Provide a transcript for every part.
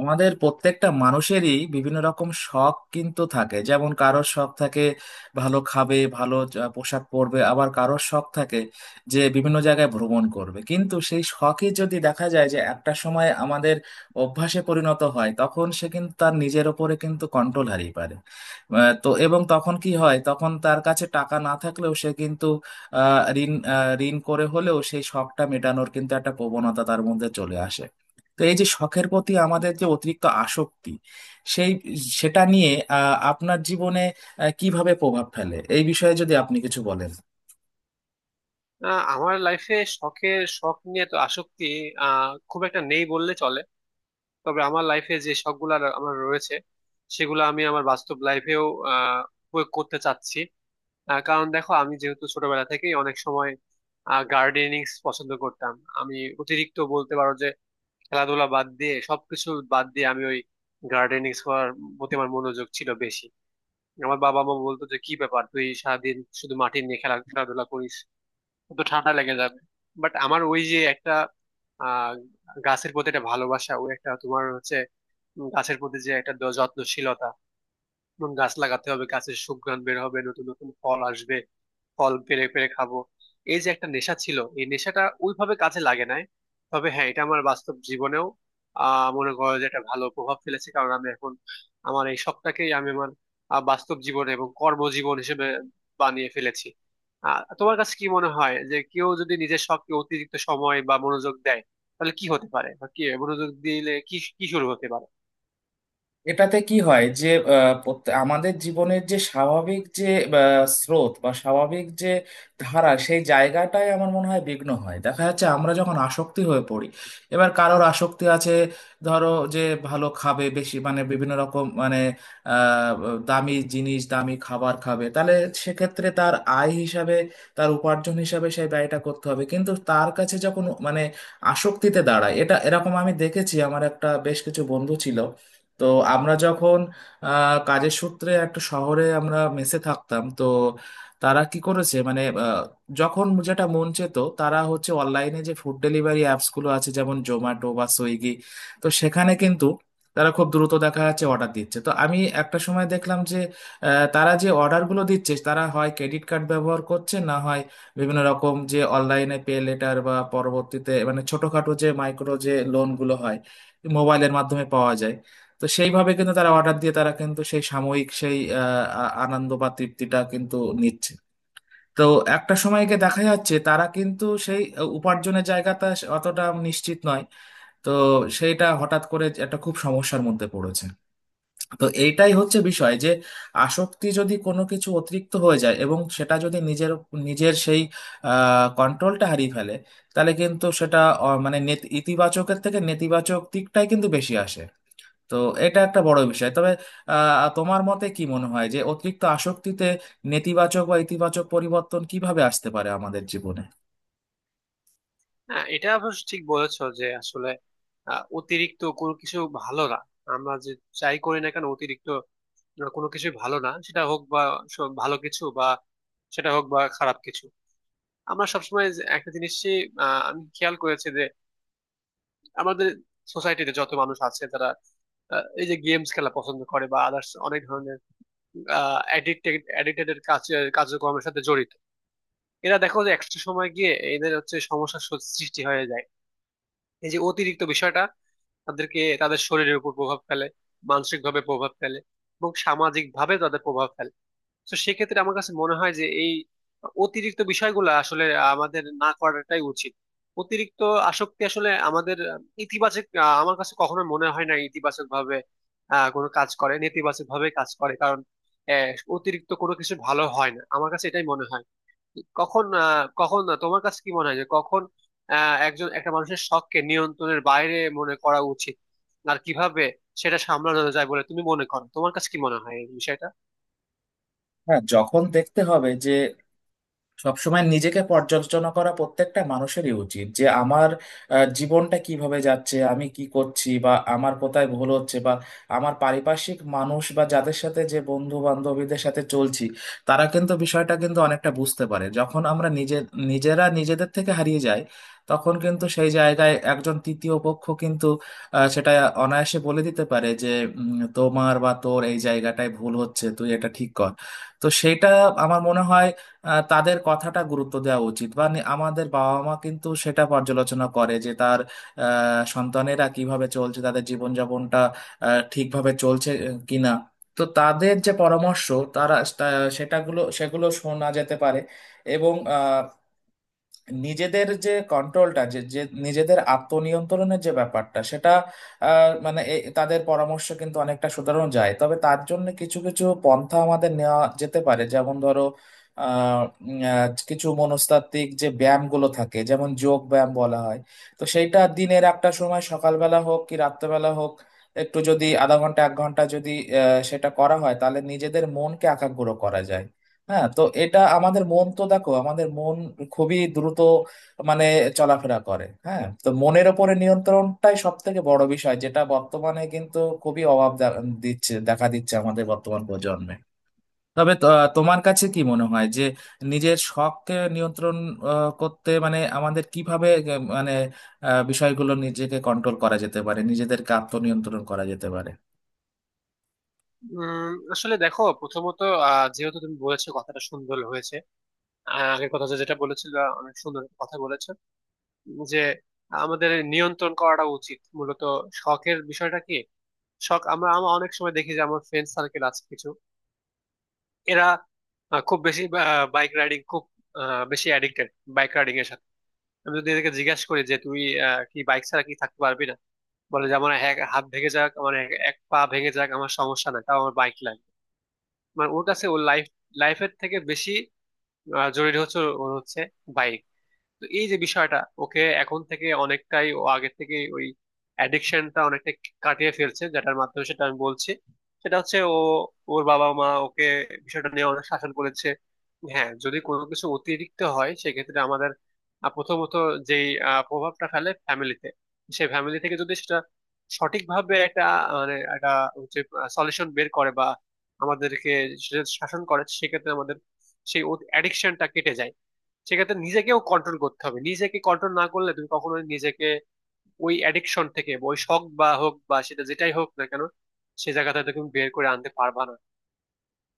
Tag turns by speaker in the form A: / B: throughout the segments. A: আমাদের প্রত্যেকটা মানুষেরই বিভিন্ন রকম শখ কিন্তু থাকে, যেমন কারোর শখ থাকে ভালো খাবে, ভালো পোশাক পরবে, আবার কারোর শখ থাকে যে বিভিন্ন জায়গায় ভ্রমণ করবে। কিন্তু সেই শখই যদি দেখা যায় যে একটা সময় আমাদের অভ্যাসে পরিণত হয়, তখন সে কিন্তু তার নিজের ওপরে কিন্তু কন্ট্রোল হারিয়ে পারে। আহ, তো এবং তখন কি হয়, তখন তার কাছে টাকা না থাকলেও সে কিন্তু ঋণ ঋণ করে হলেও সেই শখটা মেটানোর কিন্তু একটা প্রবণতা তার মধ্যে চলে আসে। তো এই যে শখের প্রতি আমাদের যে অতিরিক্ত আসক্তি, সেই সেটা নিয়ে আপনার জীবনে কিভাবে প্রভাব ফেলে, এই বিষয়ে যদি আপনি কিছু বলেন।
B: আমার লাইফে শখের নিয়ে তো আসক্তি খুব একটা নেই বললে চলে। তবে আমার লাইফে যে শখগুলো আমার রয়েছে সেগুলো আমি আমার বাস্তব লাইফেও আহ প্রয়োগ করতে চাচ্ছি। কারণ দেখো, আমি যেহেতু ছোটবেলা থেকেই অনেক সময় গার্ডেনিং পছন্দ করতাম, আমি অতিরিক্ত বলতে পারো যে খেলাধুলা বাদ দিয়ে সবকিছু বাদ দিয়ে আমি ওই গার্ডেনিং করার প্রতি আমার মনোযোগ ছিল বেশি। আমার বাবা মা বলতো যে কি ব্যাপার, তুই সারাদিন শুধু মাটি নিয়ে খেলাধুলা করিস, তো ঠান্ডা লেগে যাবে। বাট আমার ওই যে একটা আহ গাছের প্রতি একটা ভালোবাসা, ওই একটা তোমার হচ্ছে গাছের প্রতি যে একটা যত্নশীলতা, যেমন গাছ লাগাতে হবে, গাছের সুঘ্রাণ বের হবে, নতুন নতুন ফল আসবে, ফল পেরে পেরে খাবো। এই যে একটা নেশা ছিল, এই নেশাটা ওইভাবে কাজে লাগে নাই। তবে হ্যাঁ, এটা আমার বাস্তব জীবনেও মনে করো যে একটা ভালো প্রভাব ফেলেছে, কারণ আমি এখন আমার এই শখটাকেই আমি আমার বাস্তব জীবন এবং কর্মজীবন হিসেবে বানিয়ে ফেলেছি। তোমার কাছে কি মনে হয় যে কেউ যদি নিজের শখকে অতিরিক্ত সময় বা মনোযোগ দেয় তাহলে কি হতে পারে, বা কি মনোযোগ দিলে কি কি শুরু হতে পারে?
A: এটাতে কি হয় যে আমাদের জীবনের যে স্বাভাবিক যে স্রোত বা স্বাভাবিক যে ধারা, সেই জায়গাটাই আমার মনে হয় বিঘ্ন হয়। দেখা যাচ্ছে আমরা যখন আসক্তি হয়ে পড়ি, এবার কারোর আসক্তি আছে ধরো যে ভালো খাবে বেশি, মানে বিভিন্ন রকম মানে আহ, দামি জিনিস দামি খাবার খাবে, তাহলে সেক্ষেত্রে তার আয় হিসাবে, তার উপার্জন হিসাবে সেই ব্যয়টা করতে হবে। কিন্তু তার কাছে যখন মানে আসক্তিতে দাঁড়ায়, এটা এরকম আমি দেখেছি। আমার একটা বেশ কিছু বন্ধু ছিল, তো আমরা যখন কাজের সূত্রে একটা শহরে আমরা মেসে থাকতাম। তো তারা কি করেছে, মানে যখন যেটা মন চেত তারা হচ্ছে অনলাইনে যে ফুড ডেলিভারি অ্যাপস গুলো আছে, যেমন জোম্যাটো বা সুইগি, তো সেখানে কিন্তু তারা খুব দ্রুত দেখা যাচ্ছে অর্ডার দিচ্ছে। তো আমি একটা সময় দেখলাম যে তারা যে অর্ডারগুলো দিচ্ছে, তারা হয় ক্রেডিট কার্ড ব্যবহার করছে, না হয় বিভিন্ন রকম যে অনলাইনে পে লেটার বা পরবর্তীতে মানে ছোটখাটো যে মাইক্রো যে লোনগুলো হয় মোবাইলের মাধ্যমে পাওয়া যায়, তো সেইভাবে কিন্তু তারা অর্ডার দিয়ে তারা কিন্তু সেই সাময়িক সেই আনন্দ বা তৃপ্তিটা কিন্তু নিচ্ছে। তো একটা সময় গিয়ে দেখা যাচ্ছে তারা কিন্তু সেই উপার্জনের জায়গাটা অতটা নিশ্চিত নয়, তো সেইটা হঠাৎ করে একটা খুব সমস্যার মধ্যে পড়েছে। তো এইটাই হচ্ছে বিষয় যে আসক্তি যদি কোনো কিছু অতিরিক্ত হয়ে যায় এবং সেটা যদি নিজের নিজের সেই কন্ট্রোলটা হারিয়ে ফেলে, তাহলে কিন্তু সেটা ইতিবাচকের থেকে নেতিবাচক দিকটাই কিন্তু বেশি আসে। তো এটা একটা বড় বিষয়। তবে তোমার মতে কি মনে হয় যে অতিরিক্ত আসক্তিতে নেতিবাচক বা ইতিবাচক পরিবর্তন কিভাবে আসতে পারে আমাদের জীবনে?
B: হ্যাঁ, এটা অবশ্য ঠিক বলেছো যে আসলে অতিরিক্ত কোনো কিছু ভালো না। আমরা যে চাই করি না কেন অতিরিক্ত কোনো কিছু ভালো না, সেটা হোক বা ভালো কিছু, বা সেটা হোক বা খারাপ কিছু। আমরা সবসময় যে একটা জিনিসই আমি খেয়াল করেছি যে আমাদের সোসাইটিতে যত মানুষ আছে তারা এই যে গেমস খেলা পছন্দ করে বা আদার্স, অনেক ধরনের অ্যাডিক্টেড অ্যাডিক্টেড কাজ কার্যক্রমের সাথে জড়িত। এরা দেখো যে একটা সময় গিয়ে এদের হচ্ছে সমস্যার সৃষ্টি হয়ে যায়। এই যে অতিরিক্ত বিষয়টা তাদেরকে, তাদের শরীরের উপর প্রভাব ফেলে, মানসিক ভাবে প্রভাব ফেলে, এবং সামাজিক ভাবে তাদের প্রভাব ফেলে। তো সেক্ষেত্রে আমার কাছে মনে হয় যে এই অতিরিক্ত বিষয়গুলো আসলে আমাদের না করাটাই উচিত। অতিরিক্ত আসক্তি আসলে আমাদের ইতিবাচক, আমার কাছে কখনো মনে হয় না ইতিবাচক ভাবে কোনো কাজ করে, নেতিবাচক ভাবে কাজ করে, কারণ আহ, অতিরিক্ত কোনো কিছু ভালো হয় না, আমার কাছে এটাই মনে হয়। কখন তোমার কাছে কি মনে হয় যে কখন একজন একটা মানুষের শখকে নিয়ন্ত্রণের বাইরে মনে করা উচিত, আর কিভাবে সেটা সামলানো যায় বলে তুমি মনে করো, তোমার কাছে কি মনে হয় এই বিষয়টা?
A: হ্যাঁ, যখন দেখতে হবে যে সবসময় নিজেকে পর্যালোচনা করা প্রত্যেকটা মানুষেরই উচিত যে আমার জীবনটা কিভাবে যাচ্ছে, আমি কি করছি, বা আমার কোথায় ভুল হচ্ছে, বা আমার পারিপার্শ্বিক মানুষ বা যাদের সাথে যে বন্ধু বান্ধবীদের সাথে চলছি, তারা কিন্তু বিষয়টা কিন্তু অনেকটা বুঝতে পারে। যখন আমরা নিজে নিজেরা নিজেদের থেকে হারিয়ে যাই, তখন কিন্তু সেই জায়গায় একজন তৃতীয় পক্ষ কিন্তু সেটা অনায়াসে বলে দিতে পারে যে তোমার বা তোর এই জায়গাটায় ভুল হচ্ছে, তুই এটা ঠিক কর। তো সেটা আমার মনে হয় তাদের কথাটা গুরুত্ব দেওয়া উচিত। আমাদের বাবা মা কিন্তু সেটা পর্যালোচনা করে যে তার সন্তানেরা কিভাবে চলছে, তাদের জীবনযাপনটা ঠিকভাবে চলছে কিনা। তো তাদের যে পরামর্শ তারা সেটাগুলো সেগুলো শোনা যেতে পারে এবং নিজেদের যে কন্ট্রোলটা যে যে নিজেদের আত্মনিয়ন্ত্রণের যে ব্যাপারটা, সেটা তাদের পরামর্শ কিন্তু অনেকটা শুধানো যায়। তবে তার জন্য কিছু কিছু পন্থা আমাদের নেওয়া যেতে পারে, যেমন ধরো আহ, কিছু মনস্তাত্ত্বিক যে ব্যায়ামগুলো থাকে, যেমন যোগ ব্যায়াম বলা হয়, তো সেইটা দিনের একটা সময় সকালবেলা হোক কি রাত্রেবেলা হোক একটু যদি আধা ঘন্টা এক ঘন্টা যদি সেটা করা হয়, তাহলে নিজেদের মনকে একাগ্র করা যায়। হ্যাঁ, তো এটা আমাদের মন, তো দেখো আমাদের মন খুবই দ্রুত মানে চলাফেরা করে। হ্যাঁ, তো মনের ওপরে নিয়ন্ত্রণটাই সব থেকে বড় বিষয়, যেটা বর্তমানে কিন্তু খুবই অভাব দিচ্ছে, দেখা দিচ্ছে আমাদের বর্তমান প্রজন্মে। তবে তোমার কাছে কি মনে হয় যে নিজের শখকে নিয়ন্ত্রণ করতে মানে আমাদের কিভাবে আহ, মানে বিষয়গুলো নিজেকে কন্ট্রোল করা যেতে পারে, নিজেদেরকে আত্মনিয়ন্ত্রণ করা যেতে পারে?
B: আসলে দেখো, প্রথমত যেহেতু তুমি বলেছো কথাটা সুন্দর হয়েছে, আগের কথা যে যেটা বলেছিল, অনেক সুন্দর একটা কথা বলেছো যে আমাদের নিয়ন্ত্রণ করাটা উচিত। মূলত শখের বিষয়টা কি, শখ, আমরা আমরা অনেক সময় দেখি যে আমার ফ্রেন্ড সার্কেল আছে কিছু, এরা খুব বেশি বাইক রাইডিং, খুব বেশি অ্যাডিক্টেড বাইক রাইডিং এর সাথে। আমি যদি এদেরকে জিজ্ঞাসা করি যে তুই কি বাইক ছাড়া কি থাকতে পারবি না, বলে যে আমার এক হাত ভেঙে যাক, আমার এক এক পা ভেঙে যাক, আমার সমস্যা নাই, তাও আমার বাইক লাগবে। মানে ওর কাছে ওর লাইফ, লাইফের থেকে বেশি জরুরি হচ্ছে ওর হচ্ছে বাইক। তো এই যে বিষয়টা, ওকে এখন থেকে অনেকটাই ও আগে থেকে ওই অ্যাডিকশনটা অনেকটাই কাটিয়ে ফেলছে, যেটার মাধ্যমে সেটা আমি বলছি, সেটা হচ্ছে ও, ওর বাবা মা ওকে বিষয়টা নিয়ে অনেক শাসন করেছে। হ্যাঁ, যদি কোনো কিছু অতিরিক্ত হয় সেক্ষেত্রে আমাদের প্রথমত যে প্রভাবটা ফেলে ফ্যামিলিতে, সেই ফ্যামিলি থেকে যদি সেটা সঠিকভাবে একটা মানে একটা হচ্ছে সলিউশন বের করে বা আমাদেরকে সেটা শাসন করে, সেক্ষেত্রে আমাদের সেই অ্যাডিকশনটা কেটে যায়। সেক্ষেত্রে নিজেকেও কন্ট্রোল করতে হবে, নিজেকে কন্ট্রোল না করলে তুমি কখনো নিজেকে ওই অ্যাডিকশন থেকে বা ওই শখ বা হোক বা সেটা যেটাই হোক না কেন, সে জায়গাটা তুমি বের করে আনতে পারবা না।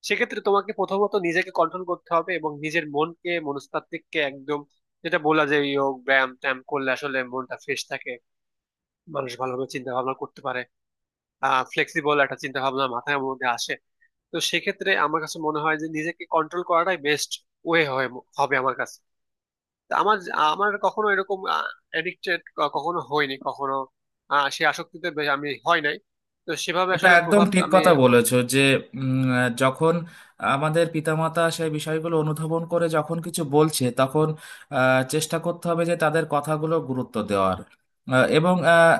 B: সেক্ষেত্রে তোমাকে প্রথমত নিজেকে কন্ট্রোল করতে হবে এবং নিজের মনকে মনস্তাত্ত্বিককে একদম, যেটা বলা যায় যোগ ব্যায়াম ট্যায়াম করলে আসলে মনটা ফ্রেশ থাকে, মানুষ ভালোভাবে চিন্তা ভাবনা করতে পারে, ফ্লেক্সিবল একটা চিন্তা ভাবনা মাথার মধ্যে আসে। তো সেক্ষেত্রে আমার কাছে মনে হয় যে নিজেকে কন্ট্রোল করাটাই বেস্ট ওয়ে হবে আমার কাছে। তা আমার, আমার কখনো এরকম এডিক্টেড কখনো হয়নি, কখনো সে আসক্তিতে আমি হয় নাই। তো সেভাবে
A: এটা
B: আসলে
A: একদম
B: প্রভাব
A: ঠিক
B: আমি।
A: কথা বলেছো যে যখন আমাদের পিতামাতা সেই বিষয়গুলো অনুধাবন করে যখন কিছু বলছে, তখন চেষ্টা করতে হবে যে তাদের কথাগুলো গুরুত্ব দেওয়ার। এবং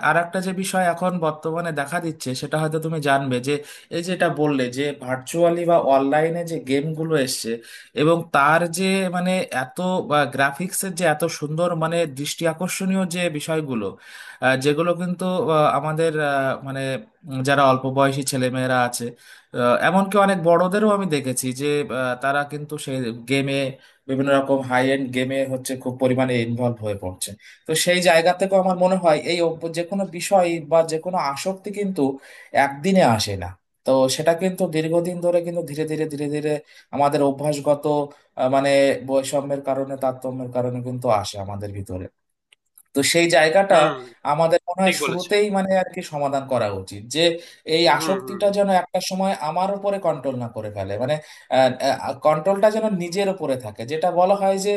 A: আর একটা যে বিষয় এখন বর্তমানে দেখা দিচ্ছে, সেটা হয়তো তুমি জানবে যে এই যেটা বললে যে ভার্চুয়ালি বা অনলাইনে যে গেমগুলো এসছে এবং তার যে মানে এত বা গ্রাফিক্সের যে এত সুন্দর মানে দৃষ্টি আকর্ষণীয় যে বিষয়গুলো, যেগুলো কিন্তু আমাদের মানে যারা অল্প বয়সী ছেলেমেয়েরা আছে, এমনকি অনেক বড়দেরও আমি দেখেছি যে তারা কিন্তু সেই গেমে বিভিন্ন রকম হাই এন্ড গেমে হচ্ছে খুব পরিমাণে ইনভলভ হয়ে পড়ছে। তো সেই জায়গা থেকেও আমার মনে হয় এই যে কোনো বিষয় বা যে কোনো আসক্তি কিন্তু একদিনে আসে না। তো সেটা কিন্তু দীর্ঘদিন ধরে কিন্তু ধীরে ধীরে ধীরে ধীরে আমাদের অভ্যাসগত আহ, মানে বৈষম্যের কারণে তারতম্যের কারণে কিন্তু আসে আমাদের ভিতরে। তো সেই জায়গাটা
B: হুম,
A: আমাদের মনে হয়
B: ঠিক বলেছো।
A: শুরুতেই মানে আর কি সমাধান করা উচিত, যে এই
B: হুম
A: আসক্তিটা
B: হুম
A: যেন একটা সময় আমার উপরে কন্ট্রোল না করে ফেলে, মানে কন্ট্রোলটা যেন নিজের উপরে থাকে। যেটা বলা হয় যে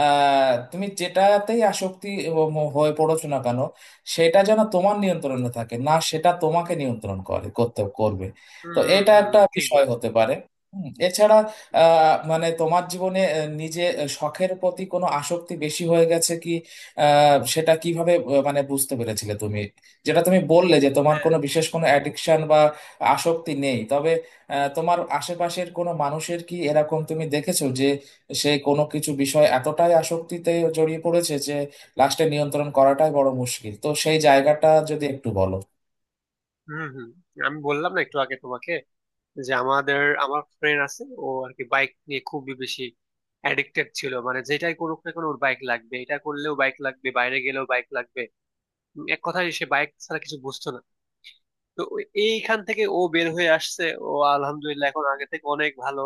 A: তুমি যেটাতেই আসক্তি এবং হয়ে পড়ছো না কেন, সেটা যেন তোমার নিয়ন্ত্রণে থাকে, না সেটা তোমাকে নিয়ন্ত্রণ করে করতে করবে।
B: হুম
A: তো
B: হুম।
A: এটা
B: হুম
A: একটা
B: হুম, ঠিক
A: বিষয়
B: বলেছো।
A: হতে পারে। হুম, এছাড়া মানে তোমার জীবনে নিজে শখের প্রতি কোনো আসক্তি বেশি হয়ে গেছে কি, সেটা কিভাবে মানে বুঝতে পেরেছিলে তুমি? যেটা তুমি বললে যে তোমার
B: হ্যাঁ,
A: কোনো বিশেষ কোনো অ্যাডিকশন বা আসক্তি নেই, তবে তোমার আশেপাশের কোনো মানুষের কি এরকম তুমি দেখেছো যে সে কোনো কিছু বিষয় এতটাই আসক্তিতে জড়িয়ে পড়েছে যে লাস্টে নিয়ন্ত্রণ করাটাই বড় মুশকিল, তো সেই জায়গাটা যদি একটু বলো।
B: হুম হুম। আমি বললাম না একটু আগে তোমাকে যে আমাদের আমার ফ্রেন্ড আছে, ও আর কি বাইক নিয়ে খুবই বেশি অ্যাডিক্টেড ছিল, মানে যেটাই করুক না কেন ওর বাইক লাগবে, এটা করলেও বাইক লাগবে, বাইরে গেলেও বাইক লাগবে। এক কথায় সে বাইক ছাড়া কিছু বুঝতো না। তো এইখান থেকে ও বের হয়ে আসছে, ও আলহামদুলিল্লাহ এখন আগে থেকে অনেক ভালো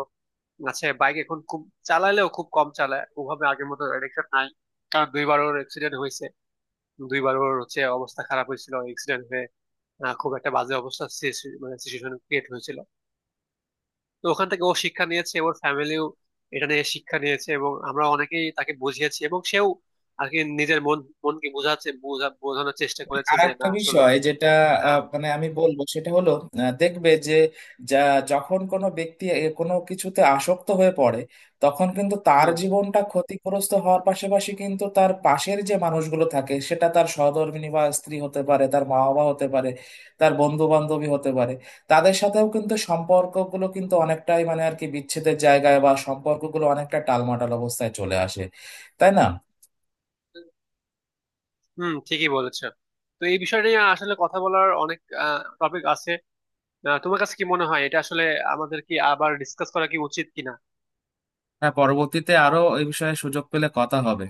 B: আছে। বাইক এখন খুব চালালেও খুব কম চালায়, ওভাবে আগের মতো অ্যাডিকশন নাই। কারণ দুইবার ওর অ্যাক্সিডেন্ট হয়েছে, দুইবার ওর হচ্ছে অবস্থা খারাপ হয়েছিল অ্যাক্সিডেন্ট হয়ে। খুব একটা বাজে অবস্থা মানে সিচুয়েশন ক্রিয়েট হয়েছিল। তো ওখান থেকে ও শিক্ষা নিয়েছে, ওর ফ্যামিলিও এটা নিয়ে শিক্ষা নিয়েছে, এবং আমরা অনেকেই তাকে বুঝিয়েছি এবং সেও আর কি নিজের মনকে বোঝাচ্ছে, বোঝানোর চেষ্টা করেছে
A: আর
B: যে
A: একটা
B: না আসলে
A: বিষয় যেটা আহ,
B: আহ,
A: মানে আমি বলবো সেটা হলো দেখবে যে যা যখন কোনো ব্যক্তি এ কোনো কিছুতে আসক্ত হয়ে পড়ে, তখন কিন্তু তার
B: হুম
A: জীবনটা ক্ষতিগ্রস্ত হওয়ার পাশাপাশি কিন্তু তার পাশের যে মানুষগুলো থাকে, সেটা তার সহধর্মিণী বা স্ত্রী হতে পারে, তার মা বাবা হতে পারে, তার বন্ধু বান্ধবী হতে পারে, তাদের সাথেও কিন্তু সম্পর্কগুলো কিন্তু অনেকটাই মানে আর কি বিচ্ছেদের জায়গায় বা সম্পর্কগুলো অনেকটা টালমাটাল অবস্থায় চলে আসে, তাই না?
B: হুম, ঠিকই বলেছো। তো এই বিষয় নিয়ে আসলে কথা বলার অনেক টপিক আছে। তোমার কাছে কি মনে হয় এটা আসলে আমাদের কি আবার ডিসকাস করা কি উচিত কিনা?
A: হ্যাঁ, পরবর্তীতে আরো এই বিষয়ে সুযোগ পেলে কথা হবে।